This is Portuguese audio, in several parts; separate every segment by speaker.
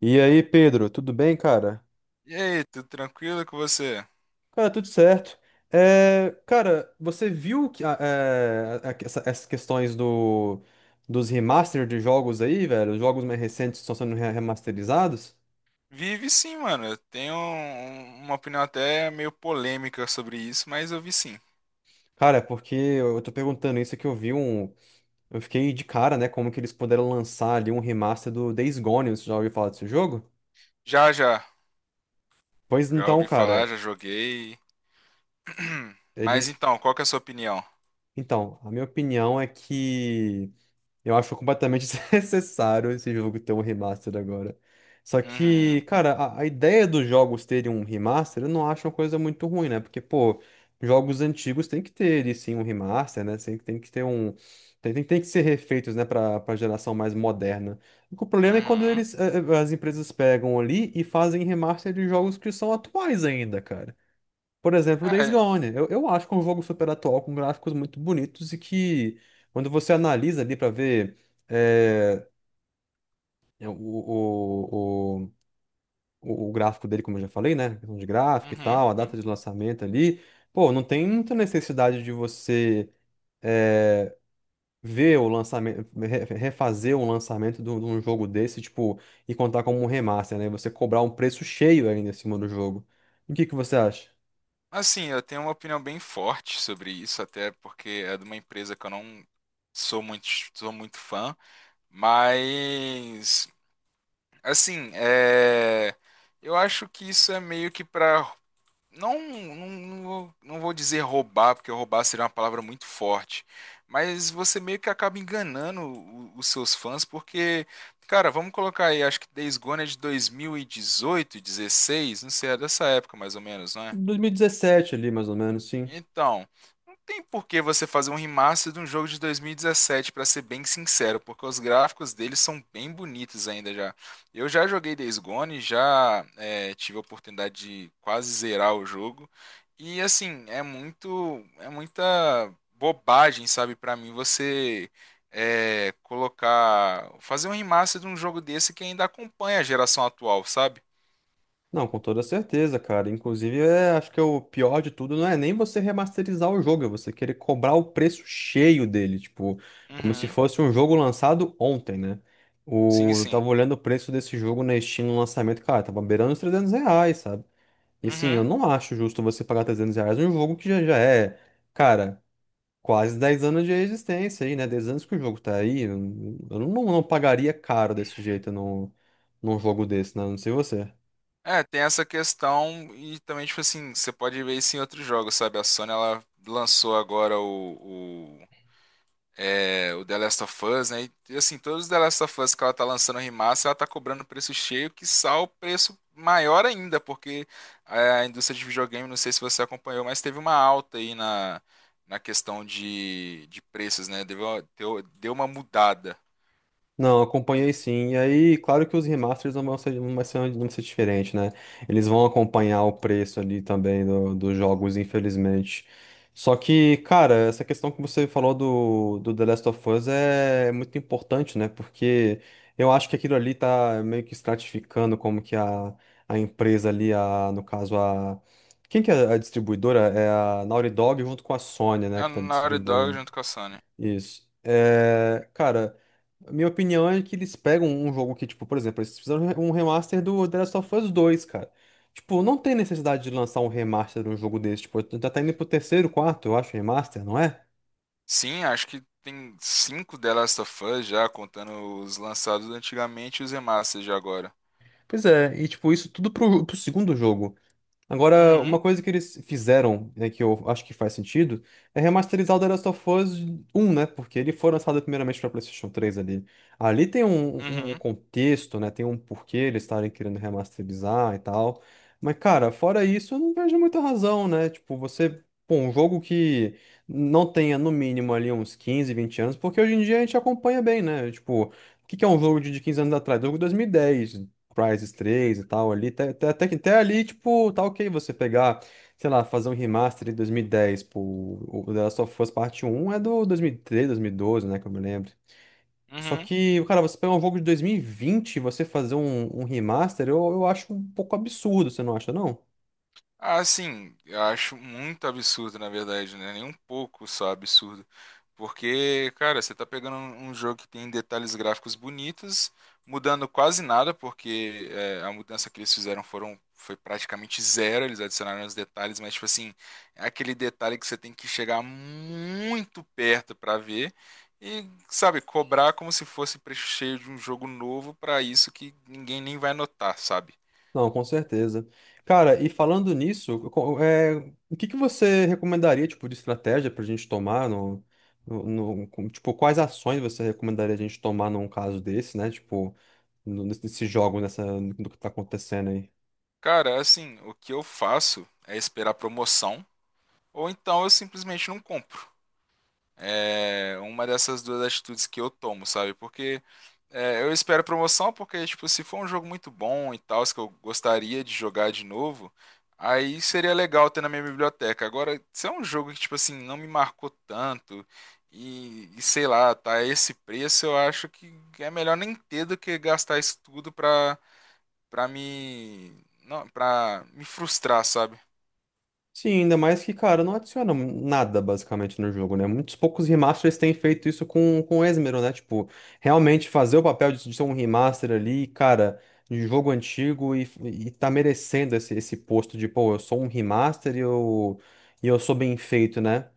Speaker 1: E aí, Pedro, tudo bem, cara?
Speaker 2: E aí, tudo tranquilo com você?
Speaker 1: Cara, tudo certo. É, cara, você viu que, essas questões dos remaster de jogos aí, velho? Os jogos mais recentes estão sendo remasterizados?
Speaker 2: Vive sim, mano. Eu tenho uma opinião até meio polêmica sobre isso, mas eu vi sim.
Speaker 1: Cara, é porque eu tô perguntando isso que eu vi um. Eu fiquei de cara, né? Como que eles puderam lançar ali um remaster do Days Gone? Você já ouviu falar desse jogo?
Speaker 2: Já, já.
Speaker 1: Pois
Speaker 2: Já
Speaker 1: então,
Speaker 2: ouvi falar,
Speaker 1: cara,
Speaker 2: já joguei. Mas
Speaker 1: eles.
Speaker 2: então, qual que é a sua opinião?
Speaker 1: Então, a minha opinião é que. Eu acho completamente desnecessário esse jogo ter um remaster agora. Só que,
Speaker 2: Uhum,
Speaker 1: cara, a ideia dos jogos terem um remaster, eu não acho uma coisa muito ruim, né? Porque, pô, jogos antigos tem que ter, e sim, um remaster, né? Tem que ter um. Tem que ser refeitos, né, pra geração mais moderna. O problema é quando
Speaker 2: uhum.
Speaker 1: eles, as empresas pegam ali e fazem remaster de jogos que são atuais ainda, cara. Por exemplo, o
Speaker 2: Ah,
Speaker 1: Days
Speaker 2: é.
Speaker 1: Gone. Eu acho que é um jogo super atual, com gráficos muito bonitos e que, quando você analisa ali para ver é, o o gráfico dele, como eu já falei, né? Questão de gráfico e
Speaker 2: Uhum,
Speaker 1: tal, a data
Speaker 2: uhum.
Speaker 1: de lançamento ali, pô, não tem muita necessidade de você é, ver o lançamento, refazer um lançamento de um jogo desse, tipo, e contar como um remaster, né? Você cobrar um preço cheio ainda em cima do jogo. O que que você acha?
Speaker 2: Assim, eu tenho uma opinião bem forte sobre isso, até porque é de uma empresa que eu não sou muito, sou muito fã. Mas, assim, eu acho que isso é meio que para. Não, não, não vou dizer roubar, porque roubar seria uma palavra muito forte. Mas você meio que acaba enganando os seus fãs, porque, cara, vamos colocar aí, acho que Days Gone é de 2018 16 não sei, é dessa época mais ou menos, não é?
Speaker 1: 2017 ali, mais ou menos, sim.
Speaker 2: Então, não tem por que você fazer um remaster de um jogo de 2017, pra ser bem sincero, porque os gráficos deles são bem bonitos ainda já. Eu já joguei Days Gone, já é, tive a oportunidade de quase zerar o jogo. E assim, é muita bobagem, sabe, pra mim você colocar, fazer um remaster de um jogo desse que ainda acompanha a geração atual, sabe?
Speaker 1: Não, com toda certeza, cara. Inclusive, é, acho que é o pior de tudo não é nem você remasterizar o jogo, é você querer cobrar o preço cheio dele, tipo, como se
Speaker 2: Uhum,
Speaker 1: fosse um jogo lançado ontem, né?
Speaker 2: sim,
Speaker 1: O, eu
Speaker 2: sim.
Speaker 1: tava olhando o preço desse jogo na Steam no lançamento, cara, tava beirando os R$ 300, sabe? E sim, eu
Speaker 2: Uhum.
Speaker 1: não acho justo você pagar R$ 300 num jogo que já é, cara, quase 10 anos de existência aí, né? 10 anos que o jogo tá aí. Eu, não, não pagaria caro desse jeito num, num jogo desse, né? Não sei você.
Speaker 2: É, tem essa questão e também, tipo assim, você pode ver isso em outros jogos, sabe? A Sony, ela lançou agora o The Last of Us, né? E, assim, todos os The Last of Us que ela tá lançando remaster, ela tá cobrando preço cheio, que o preço maior ainda, porque a indústria de videogame, não sei se você acompanhou, mas teve uma alta aí na questão de preços, né? Deu uma mudada.
Speaker 1: Não, acompanhei sim. E aí, claro que os remasters não vão ser, não vai ser, não vai ser diferente, né? Eles vão acompanhar o preço ali também dos jogos, infelizmente. Só que, cara, essa questão que você falou do The Last of Us é muito importante, né? Porque eu acho que aquilo ali tá meio que estratificando como que a empresa ali, a, no caso, a. Quem que é a distribuidora? É a Naughty Dog junto com a Sony, né,
Speaker 2: A
Speaker 1: que tá
Speaker 2: Naughty Dog
Speaker 1: distribuindo.
Speaker 2: junto com a Sony.
Speaker 1: Isso. É, cara, a minha opinião é que eles pegam um jogo que, tipo, por exemplo, eles fizeram um remaster do The Last of Us 2, cara. Tipo, não tem necessidade de lançar um remaster de um jogo desse. Tipo, já tá indo pro terceiro, quarto, eu acho, remaster, não é?
Speaker 2: Sim, acho que tem cinco The Last of Us já, contando os lançados antigamente e os remasters de agora.
Speaker 1: Pois é, e tipo, isso tudo pro segundo jogo. Agora,
Speaker 2: Uhum,
Speaker 1: uma coisa que eles fizeram, né, que eu acho que faz sentido, é remasterizar o The Last of Us 1, né? Porque ele foi lançado primeiramente para PlayStation 3 ali. Ali tem um
Speaker 2: uhum,
Speaker 1: contexto, né? Tem um porquê eles estarem querendo remasterizar e tal. Mas, cara, fora isso, eu não vejo muita razão, né? Tipo, você. Pô, um jogo que não tenha no mínimo ali uns 15 20 anos, porque hoje em dia a gente acompanha bem, né? Tipo, o que que é um jogo de 15 anos atrás? Jogo de 2010 Crysis 3 e tal ali, até, até ali, tipo, tá ok você pegar, sei lá, fazer um remaster de 2010, pô, o The Last of Us Parte um é do 2013, 2012, né, que eu me lembro. Só
Speaker 2: uhum.
Speaker 1: que, cara, você pegar um jogo de 2020 e vinte e você fazer um remaster, eu acho um pouco absurdo, você não acha, não?
Speaker 2: Ah, sim, eu acho muito absurdo, na verdade, né? Nem um pouco só absurdo. Porque, cara, você tá pegando um jogo que tem detalhes gráficos bonitos, mudando quase nada, porque a mudança que eles fizeram foram, foi praticamente zero, eles adicionaram os detalhes, mas, tipo assim, é aquele detalhe que você tem que chegar muito perto pra ver. E, sabe, cobrar como se fosse preço cheio de um jogo novo pra isso que ninguém nem vai notar, sabe?
Speaker 1: Não, com certeza. Cara, e falando nisso, o que que você recomendaria, tipo, de estratégia pra gente tomar tipo, quais ações você recomendaria a gente tomar num caso desse, né? Tipo, nesse jogo, nessa, no que tá acontecendo aí.
Speaker 2: Cara, assim, o que eu faço é esperar promoção, ou então eu simplesmente não compro. É uma dessas duas atitudes que eu tomo, sabe? Porque é, eu espero promoção, porque, tipo, se for um jogo muito bom e tal, que eu gostaria de jogar de novo, aí seria legal ter na minha biblioteca. Agora, se é um jogo que, tipo assim, não me marcou tanto, e sei lá, tá a esse preço, eu acho que é melhor nem ter do que gastar isso tudo pra, pra me. Não, pra me frustrar, sabe?
Speaker 1: Sim, ainda mais que, cara, não adiciona nada basicamente no jogo, né? Muitos poucos remasters têm feito isso com esmero, né? Tipo, realmente fazer o papel de ser um remaster ali, cara, de jogo antigo e tá merecendo esse posto de, pô, eu sou um remaster e eu sou bem feito, né?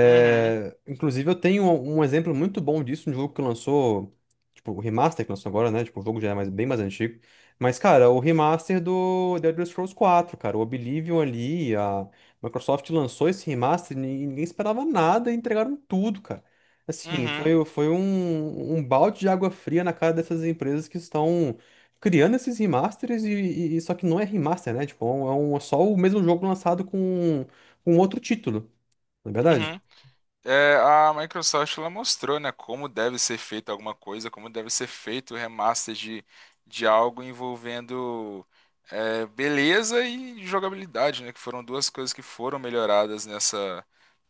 Speaker 2: Uhum,
Speaker 1: inclusive, eu tenho um exemplo muito bom disso, um jogo que lançou, tipo, o remaster que lançou agora, né? Tipo, o jogo já é bem mais antigo. Mas, cara, o remaster do The Elder Scrolls 4, cara, o Oblivion ali, a Microsoft lançou esse remaster e ninguém esperava nada e entregaram tudo, cara. Assim,
Speaker 2: uhum,
Speaker 1: foi um balde de água fria na cara dessas empresas que estão criando esses remasters só que não é remaster, né? Tipo, é só o mesmo jogo lançado com outro título, não é verdade?
Speaker 2: uhum. É, a Microsoft ela mostrou, né, como deve ser feita alguma coisa, como deve ser feito o remaster de algo envolvendo é, beleza e jogabilidade, né, que foram duas coisas que foram melhoradas nessa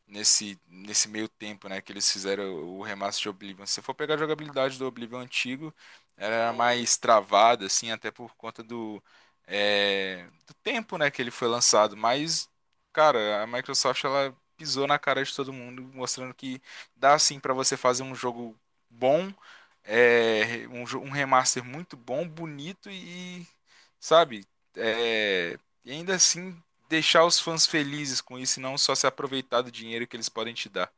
Speaker 2: nesse meio tempo, né, que eles fizeram o remaster de Oblivion. Se você for pegar a jogabilidade do Oblivion antigo, era mais travada, assim, até por conta do tempo, né, que ele foi lançado. Mas, cara, a Microsoft, ela pisou na cara de todo mundo, mostrando que dá, assim, para você fazer um jogo bom um remaster muito bom, bonito e, sabe, é, e ainda assim deixar os fãs felizes com isso e não só se aproveitar do dinheiro que eles podem te dar.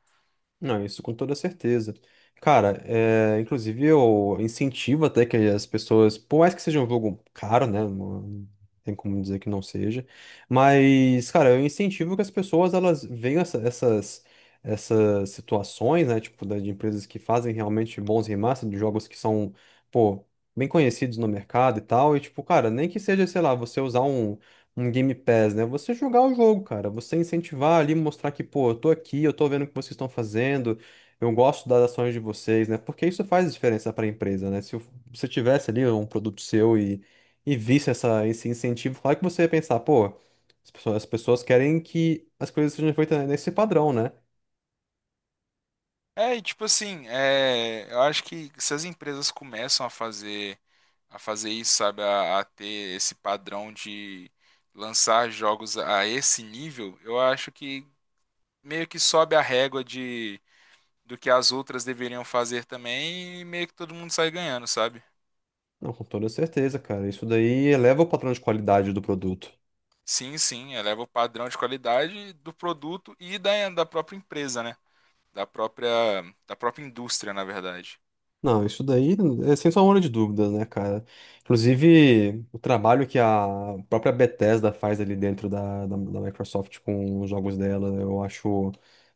Speaker 1: Não, isso com toda certeza. Cara, é, inclusive eu incentivo até que as pessoas, por mais que seja um jogo caro, né? Não não tem como dizer que não seja. Mas, cara, eu incentivo que as pessoas elas vejam essas situações, né? Tipo, de empresas que fazem realmente bons remasters de jogos que são, pô, bem conhecidos no mercado e tal. E, tipo, cara, nem que seja, sei lá, você usar um Game Pass, né? Você jogar o jogo, cara. Você incentivar ali, mostrar que, pô, eu tô aqui, eu tô vendo o que vocês estão fazendo, eu gosto das ações de vocês, né? Porque isso faz diferença para a empresa, né? Se você tivesse ali um produto seu e visse esse incentivo, claro que você ia pensar, pô, as pessoas querem que as coisas sejam feitas nesse padrão, né?
Speaker 2: É, e tipo assim, é, eu acho que se as empresas começam a fazer isso, sabe, a ter esse padrão de lançar jogos a esse nível, eu acho que meio que sobe a régua de do que as outras deveriam fazer também e meio que todo mundo sai ganhando, sabe?
Speaker 1: Não, com toda certeza, cara. Isso daí eleva o padrão de qualidade do produto.
Speaker 2: Sim, sim, eleva o padrão de qualidade do produto e da própria empresa, né? Da própria, da própria indústria, na verdade.
Speaker 1: Não, isso daí é sem sombra de dúvidas, né, cara? Inclusive, o trabalho que a própria Bethesda faz ali dentro da Microsoft com os jogos dela, eu acho,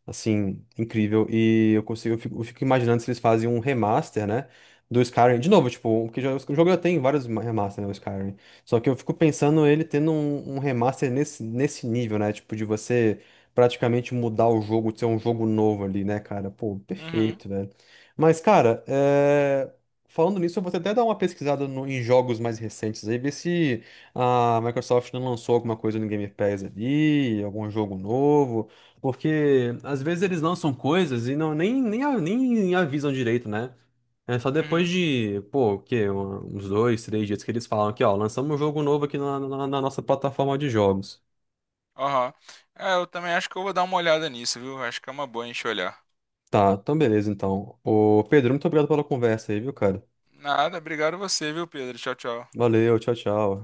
Speaker 1: assim, incrível. E eu consigo, eu fico imaginando se eles fazem um remaster, né, do Skyrim. De novo, tipo, porque já, o jogo já tem vários remasters né, o Skyrim. Só que eu fico pensando ele tendo um remaster nesse nível, né? Tipo, de você praticamente mudar o jogo, ser um jogo novo ali, né, cara? Pô,
Speaker 2: Uhum,
Speaker 1: perfeito, velho. Mas, cara, é, falando nisso, eu vou até dar uma pesquisada em jogos mais recentes aí, ver se a Microsoft não lançou alguma coisa no Game Pass ali, algum jogo novo, porque às vezes eles lançam coisas e não, nem, nem avisam direito, né? É só depois
Speaker 2: uhum,
Speaker 1: de, pô, o quê? Uns dois, três dias que eles falam que, ó, lançamos um jogo novo aqui na nossa plataforma de jogos.
Speaker 2: aham. É, eu também acho que eu vou dar uma olhada nisso, viu? Acho que é uma boa a gente olhar.
Speaker 1: Tá, então beleza, então. Ô, Pedro, muito obrigado pela conversa aí, viu, cara?
Speaker 2: Nada, obrigado a você, viu, Pedro? Tchau, tchau.
Speaker 1: Valeu, tchau, tchau.